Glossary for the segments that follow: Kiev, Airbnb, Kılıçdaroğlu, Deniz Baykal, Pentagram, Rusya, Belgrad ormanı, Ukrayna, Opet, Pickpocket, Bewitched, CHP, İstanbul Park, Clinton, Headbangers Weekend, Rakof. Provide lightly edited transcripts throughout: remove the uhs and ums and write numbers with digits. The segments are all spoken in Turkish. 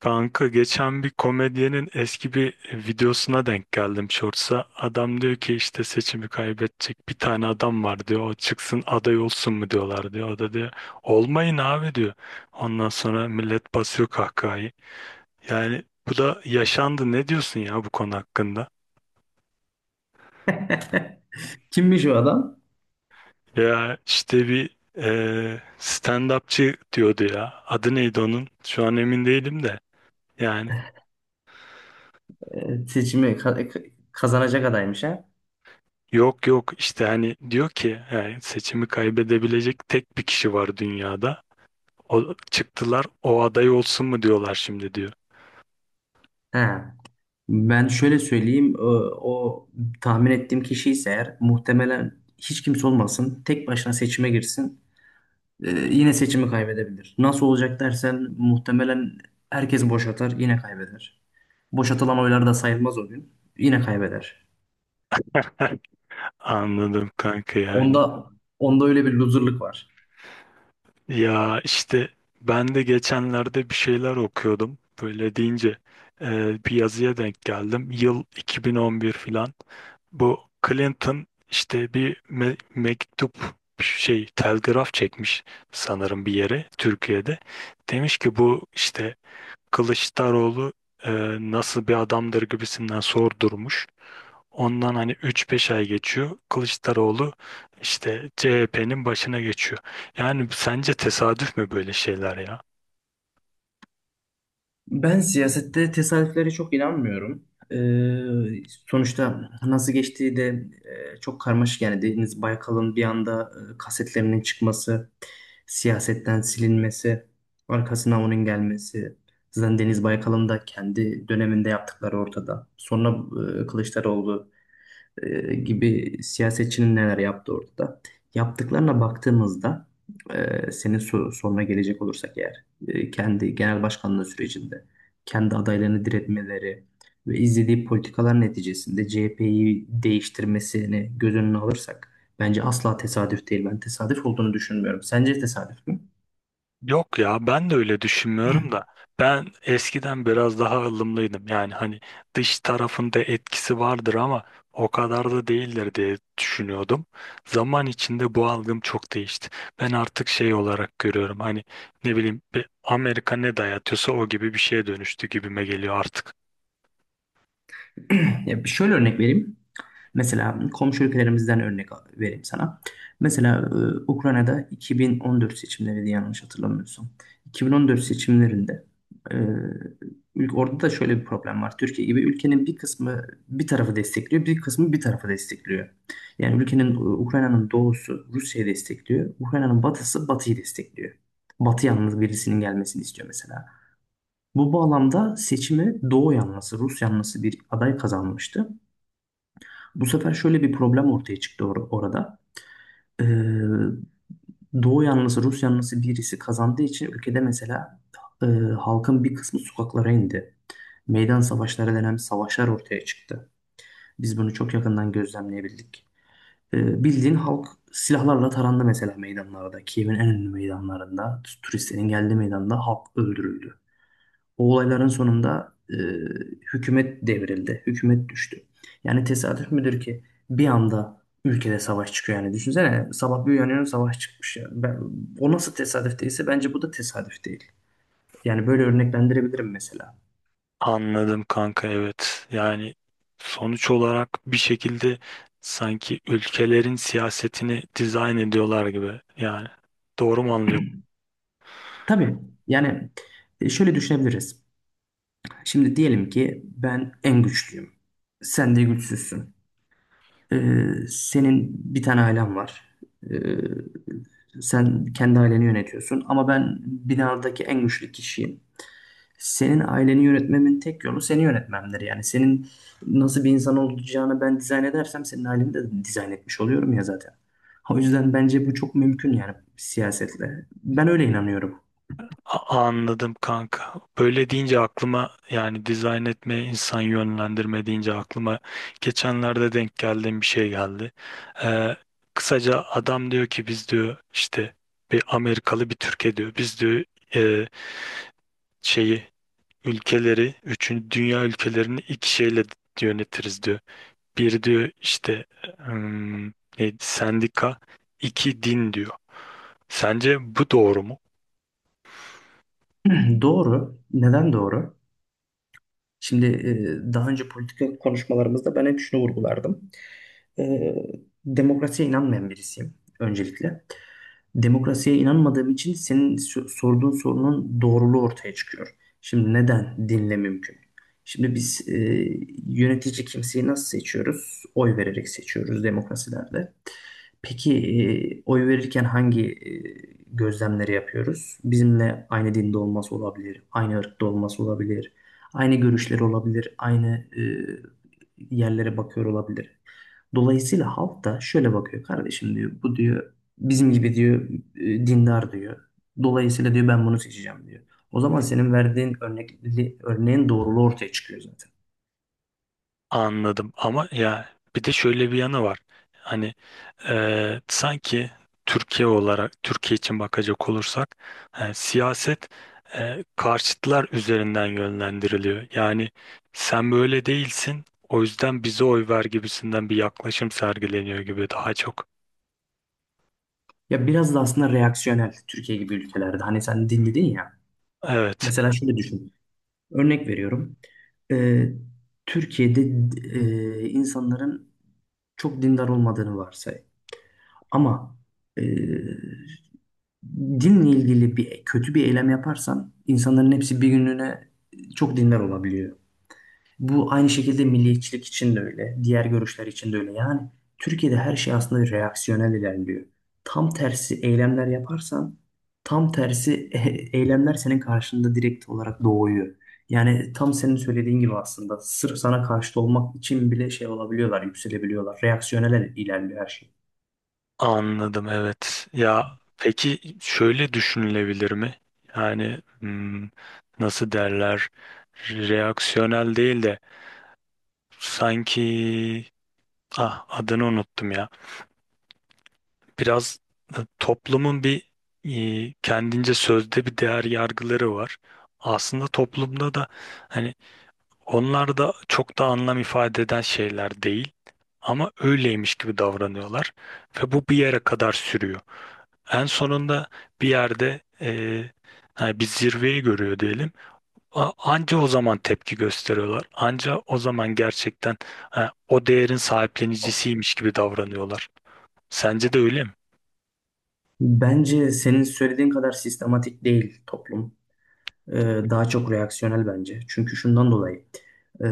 Kanka geçen bir komedyenin eski bir videosuna denk geldim Shorts'a. Adam diyor ki işte seçimi kaybedecek bir tane adam var diyor. O çıksın aday olsun mu diyorlar diyor. O da diyor olmayın abi diyor. Ondan sonra millet basıyor kahkahayı. Yani bu da yaşandı. Ne diyorsun ya bu konu hakkında? Kimmiş o adam? Ya işte bir stand-upçı diyordu ya. Adı neydi onun? Şu an emin değilim de. Yani Seçimi kazanacak adaymış ha? yok yok işte hani diyor ki yani seçimi kaybedebilecek tek bir kişi var dünyada. O çıktılar o aday olsun mu diyorlar şimdi diyor. Ha. Ben şöyle söyleyeyim, o, o tahmin ettiğim kişi ise eğer muhtemelen hiç kimse olmasın, tek başına seçime girsin, yine seçimi kaybedebilir. Nasıl olacak dersen muhtemelen herkes boşatar, yine kaybeder. Boşatılan oylar da sayılmaz o gün, yine kaybeder. Anladım kanka yani. Onda onda öyle bir loserlık var. Ya işte ben de geçenlerde bir şeyler okuyordum. Böyle deyince e, bir yazıya denk geldim. Yıl 2011 filan. Bu Clinton işte bir me- mektup şey telgraf çekmiş sanırım bir yere Türkiye'de. Demiş ki bu işte Kılıçdaroğlu e, nasıl bir adamdır gibisinden sordurmuş. Ondan hani üç beş ay geçiyor. Kılıçdaroğlu işte CHP'nin başına geçiyor. Yani sence tesadüf mü böyle şeyler ya? Ben siyasette tesadüflere çok inanmıyorum. Sonuçta nasıl geçtiği de çok karmaşık. Yani Deniz Baykal'ın bir anda kasetlerinin çıkması, siyasetten silinmesi, arkasına onun gelmesi. Zaten Deniz Baykal'ın da kendi döneminde yaptıkları ortada. Sonra Kılıçdaroğlu gibi siyasetçinin neler yaptığı ortada. Yaptıklarına baktığımızda senin soruna gelecek olursak eğer kendi genel başkanlığı sürecinde kendi adaylarını diretmeleri ve izlediği politikalar neticesinde CHP'yi değiştirmesini göz önüne alırsak bence asla tesadüf değil. Ben tesadüf olduğunu düşünmüyorum. Sence tesadüf mü? Yok ya ben de öyle düşünmüyorum da ben eskiden biraz daha ılımlıydım, yani hani dış tarafında etkisi vardır ama o kadar da değildir diye düşünüyordum. Zaman içinde bu algım çok değişti. Ben artık şey olarak görüyorum, hani ne bileyim bir Amerika ne dayatıyorsa o gibi bir şeye dönüştü gibime geliyor artık. Ya bir şöyle örnek vereyim. Mesela komşu ülkelerimizden örnek vereyim sana. Mesela Ukrayna'da 2014 seçimleriydi, yanlış hatırlamıyorsam. 2014 seçimlerinde e, orada da şöyle bir problem var. Türkiye gibi ülkenin bir kısmı bir tarafı destekliyor, bir kısmı bir tarafı destekliyor. Yani Ukrayna'nın doğusu Rusya'yı destekliyor, Ukrayna'nın batısı Batı'yı destekliyor. Batı yalnız birisinin gelmesini istiyor mesela. Bu bağlamda seçimi Doğu yanlısı, Rus yanlısı bir aday kazanmıştı. Bu sefer şöyle bir problem ortaya çıktı orada. Ee, Doğu yanlısı, Rus yanlısı birisi kazandığı için ülkede mesela e, halkın bir kısmı sokaklara indi. Meydan savaşları denen savaşlar ortaya çıktı. Biz bunu çok yakından gözlemleyebildik. Bildiğin halk silahlarla tarandı mesela meydanlarda. Kiev'in en ünlü meydanlarında, turistlerin geldiği meydanda halk öldürüldü. O olayların sonunda hükümet devrildi. Hükümet düştü. Yani tesadüf müdür ki bir anda ülkede savaş çıkıyor yani. Düşünsene, sabah bir uyanıyorum, savaş çıkmış yani. Ben, o nasıl tesadüf değilse bence bu da tesadüf değil. Yani böyle örneklendirebilirim mesela. Anladım kanka, evet. Yani sonuç olarak bir şekilde sanki ülkelerin siyasetini dizayn ediyorlar gibi. Yani doğru mu anlıyorum? Tabii yani şöyle düşünebiliriz. Şimdi diyelim ki ben en güçlüyüm. Sen de güçsüzsün. Ee, Senin bir tane ailen var. Ee, Sen kendi aileni yönetiyorsun ama ben binadaki en güçlü kişiyim. Senin aileni yönetmemin tek yolu seni yönetmemdir. Yani senin nasıl bir insan olacağını ben dizayn edersem senin aileni de dizayn etmiş oluyorum ya zaten. O yüzden bence bu çok mümkün yani siyasetle. Ben öyle inanıyorum. Anladım kanka. Böyle deyince aklıma, yani dizayn etme, insan yönlendirme deyince aklıma geçenlerde denk geldiğim bir şey geldi. Ee, kısaca adam diyor ki biz diyor işte bir Amerikalı bir Türkiye diyor. Biz diyor e, şeyi ülkeleri, üçüncü dünya ülkelerini iki şeyle yönetiriz diyor. Bir diyor işte, hmm, neydi, sendika, iki din diyor. Sence bu doğru mu? Doğru. Neden doğru? Şimdi daha önce politika konuşmalarımızda ben hep şunu vurgulardım. E, Demokrasiye inanmayan birisiyim öncelikle. Demokrasiye inanmadığım için senin sorduğun sorunun doğruluğu ortaya çıkıyor. Şimdi neden dinle mümkün? Şimdi biz yönetici kimseyi nasıl seçiyoruz? Oy vererek seçiyoruz demokrasilerde. Peki oy verirken hangi gözlemleri yapıyoruz? Bizimle aynı dinde olması olabilir, aynı ırkta olması olabilir, aynı görüşleri olabilir, aynı yerlere bakıyor olabilir. Dolayısıyla halk da şöyle bakıyor: kardeşim diyor, bu diyor bizim gibi diyor, dindar diyor. Dolayısıyla diyor ben bunu seçeceğim diyor. O zaman senin verdiğin örneğin doğruluğu ortaya çıkıyor zaten. Anladım ama ya bir de şöyle bir yanı var. Hani sanki Türkiye olarak Türkiye için bakacak olursak siyaset karşıtlar üzerinden yönlendiriliyor. Yani sen böyle değilsin, o yüzden bize oy ver gibisinden bir yaklaşım sergileniyor gibi daha çok. Ya biraz da aslında reaksiyonel Türkiye gibi ülkelerde. Hani sen din dedin ya. Evet, Mesela şöyle düşün. Örnek veriyorum. Ee, Türkiye'de insanların çok dindar olmadığını varsay. Ama e, dinle ilgili bir kötü bir eylem yaparsan insanların hepsi bir günlüğüne çok dindar olabiliyor. Bu aynı şekilde milliyetçilik için de öyle, diğer görüşler için de öyle. Yani Türkiye'de her şey aslında reaksiyonel ilerliyor. Tam tersi eylemler yaparsan, tam tersi eylemler senin karşında direkt olarak doğuyor. Yani tam senin söylediğin gibi aslında sırf sana karşıt olmak için bile şey olabiliyorlar, yükselebiliyorlar. Reaksiyonel ilerliyor her şey. anladım, evet. Ya peki şöyle düşünülebilir mi? Yani nasıl derler, reaksiyonel değil de sanki, ah adını unuttum ya. Biraz toplumun bir kendince sözde bir değer yargıları var. Aslında toplumda da hani onlar da çok da anlam ifade eden şeyler değil ama öyleymiş gibi davranıyorlar ve bu bir yere kadar sürüyor. En sonunda bir yerde hani bir zirveyi görüyor diyelim. Anca o zaman tepki gösteriyorlar. Anca o zaman gerçekten ha, o değerin sahiplenicisiymiş gibi davranıyorlar. Sence de öyle mi? Bence senin söylediğin kadar sistematik değil toplum. e, Daha çok reaksiyonel bence. Çünkü şundan dolayı, e,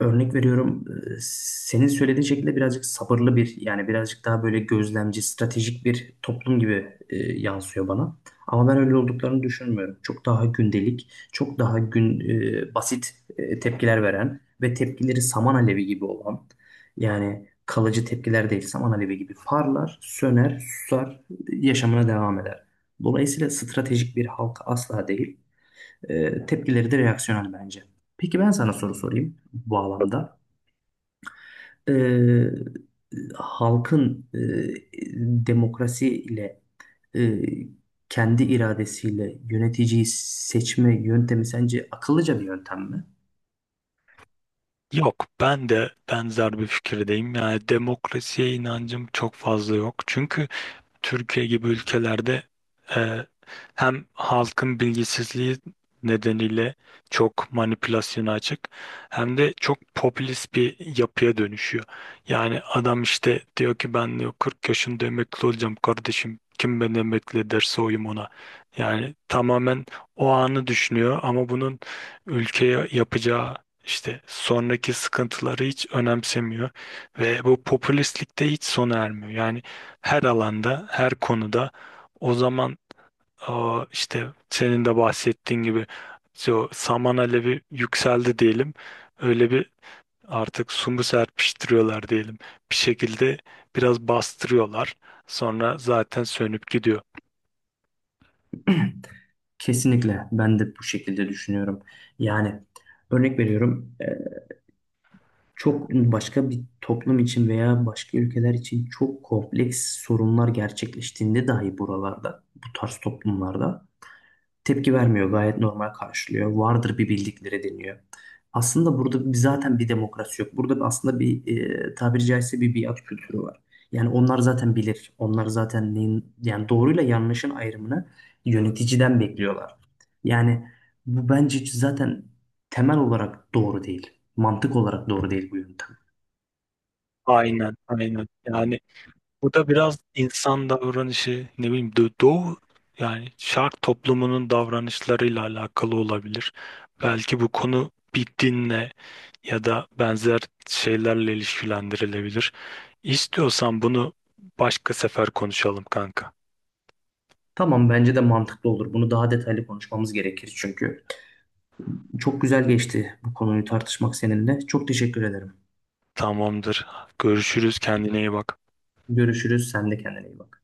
örnek veriyorum, e, senin söylediğin şekilde birazcık sabırlı bir, yani birazcık daha böyle gözlemci, stratejik bir toplum gibi yansıyor bana. Ama ben öyle olduklarını düşünmüyorum. Çok daha gündelik, çok daha gün e, basit tepkiler veren ve tepkileri saman alevi gibi olan, yani kalıcı tepkiler değil, saman alevi gibi parlar, söner, susar, yaşamına devam eder. Dolayısıyla stratejik bir halk asla değil. Tepkileri de reaksiyonel bence. Peki ben sana soru sorayım bu bağlamda. E, Halkın demokrasiyle e, kendi iradesiyle yöneticiyi seçme yöntemi sence akıllıca bir yöntem mi? Yok, ben de benzer bir fikirdeyim. Yani demokrasiye inancım çok fazla yok. Çünkü Türkiye gibi ülkelerde e, hem halkın bilgisizliği nedeniyle çok manipülasyona açık, hem de çok popülist bir yapıya dönüşüyor. Yani adam işte diyor ki ben diyor 40 yaşında emekli olacağım kardeşim. Kim beni emekli ederse oyum ona. Yani tamamen o anı düşünüyor ama bunun ülkeye yapacağı işte sonraki sıkıntıları hiç önemsemiyor ve bu popülistlikte hiç sona ermiyor. Yani her alanda, her konuda, o zaman, işte senin de bahsettiğin gibi, saman alevi yükseldi diyelim. Öyle bir artık sumu serpiştiriyorlar diyelim. Bir şekilde biraz bastırıyorlar. Sonra zaten sönüp gidiyor. Kesinlikle ben de bu şekilde düşünüyorum. Yani örnek veriyorum, çok başka bir toplum için veya başka ülkeler için çok kompleks sorunlar gerçekleştiğinde dahi buralarda, bu tarz toplumlarda tepki vermiyor, gayet normal karşılıyor. Vardır bir bildikleri deniyor. Aslında burada bir, zaten bir demokrasi yok. Burada aslında bir tabiri caizse bir biat kültürü var. Yani onlar zaten bilir. Onlar zaten neyin, yani doğruyla yanlışın ayrımını yöneticiden bekliyorlar. Yani bu bence zaten temel olarak doğru değil. Mantık olarak doğru değil bu yöntem. Aynen, aynen. Yani bu da biraz insan davranışı, ne bileyim, doğu yani şark toplumunun davranışlarıyla alakalı olabilir. Belki bu konu bir dinle ya da benzer şeylerle ilişkilendirilebilir. İstiyorsan bunu başka sefer konuşalım kanka. Tamam, bence de mantıklı olur. Bunu daha detaylı konuşmamız gerekir çünkü. Çok güzel geçti bu konuyu tartışmak seninle. Çok teşekkür ederim. Tamamdır. Görüşürüz. Kendine iyi bak. Görüşürüz. Sen de kendine iyi bak.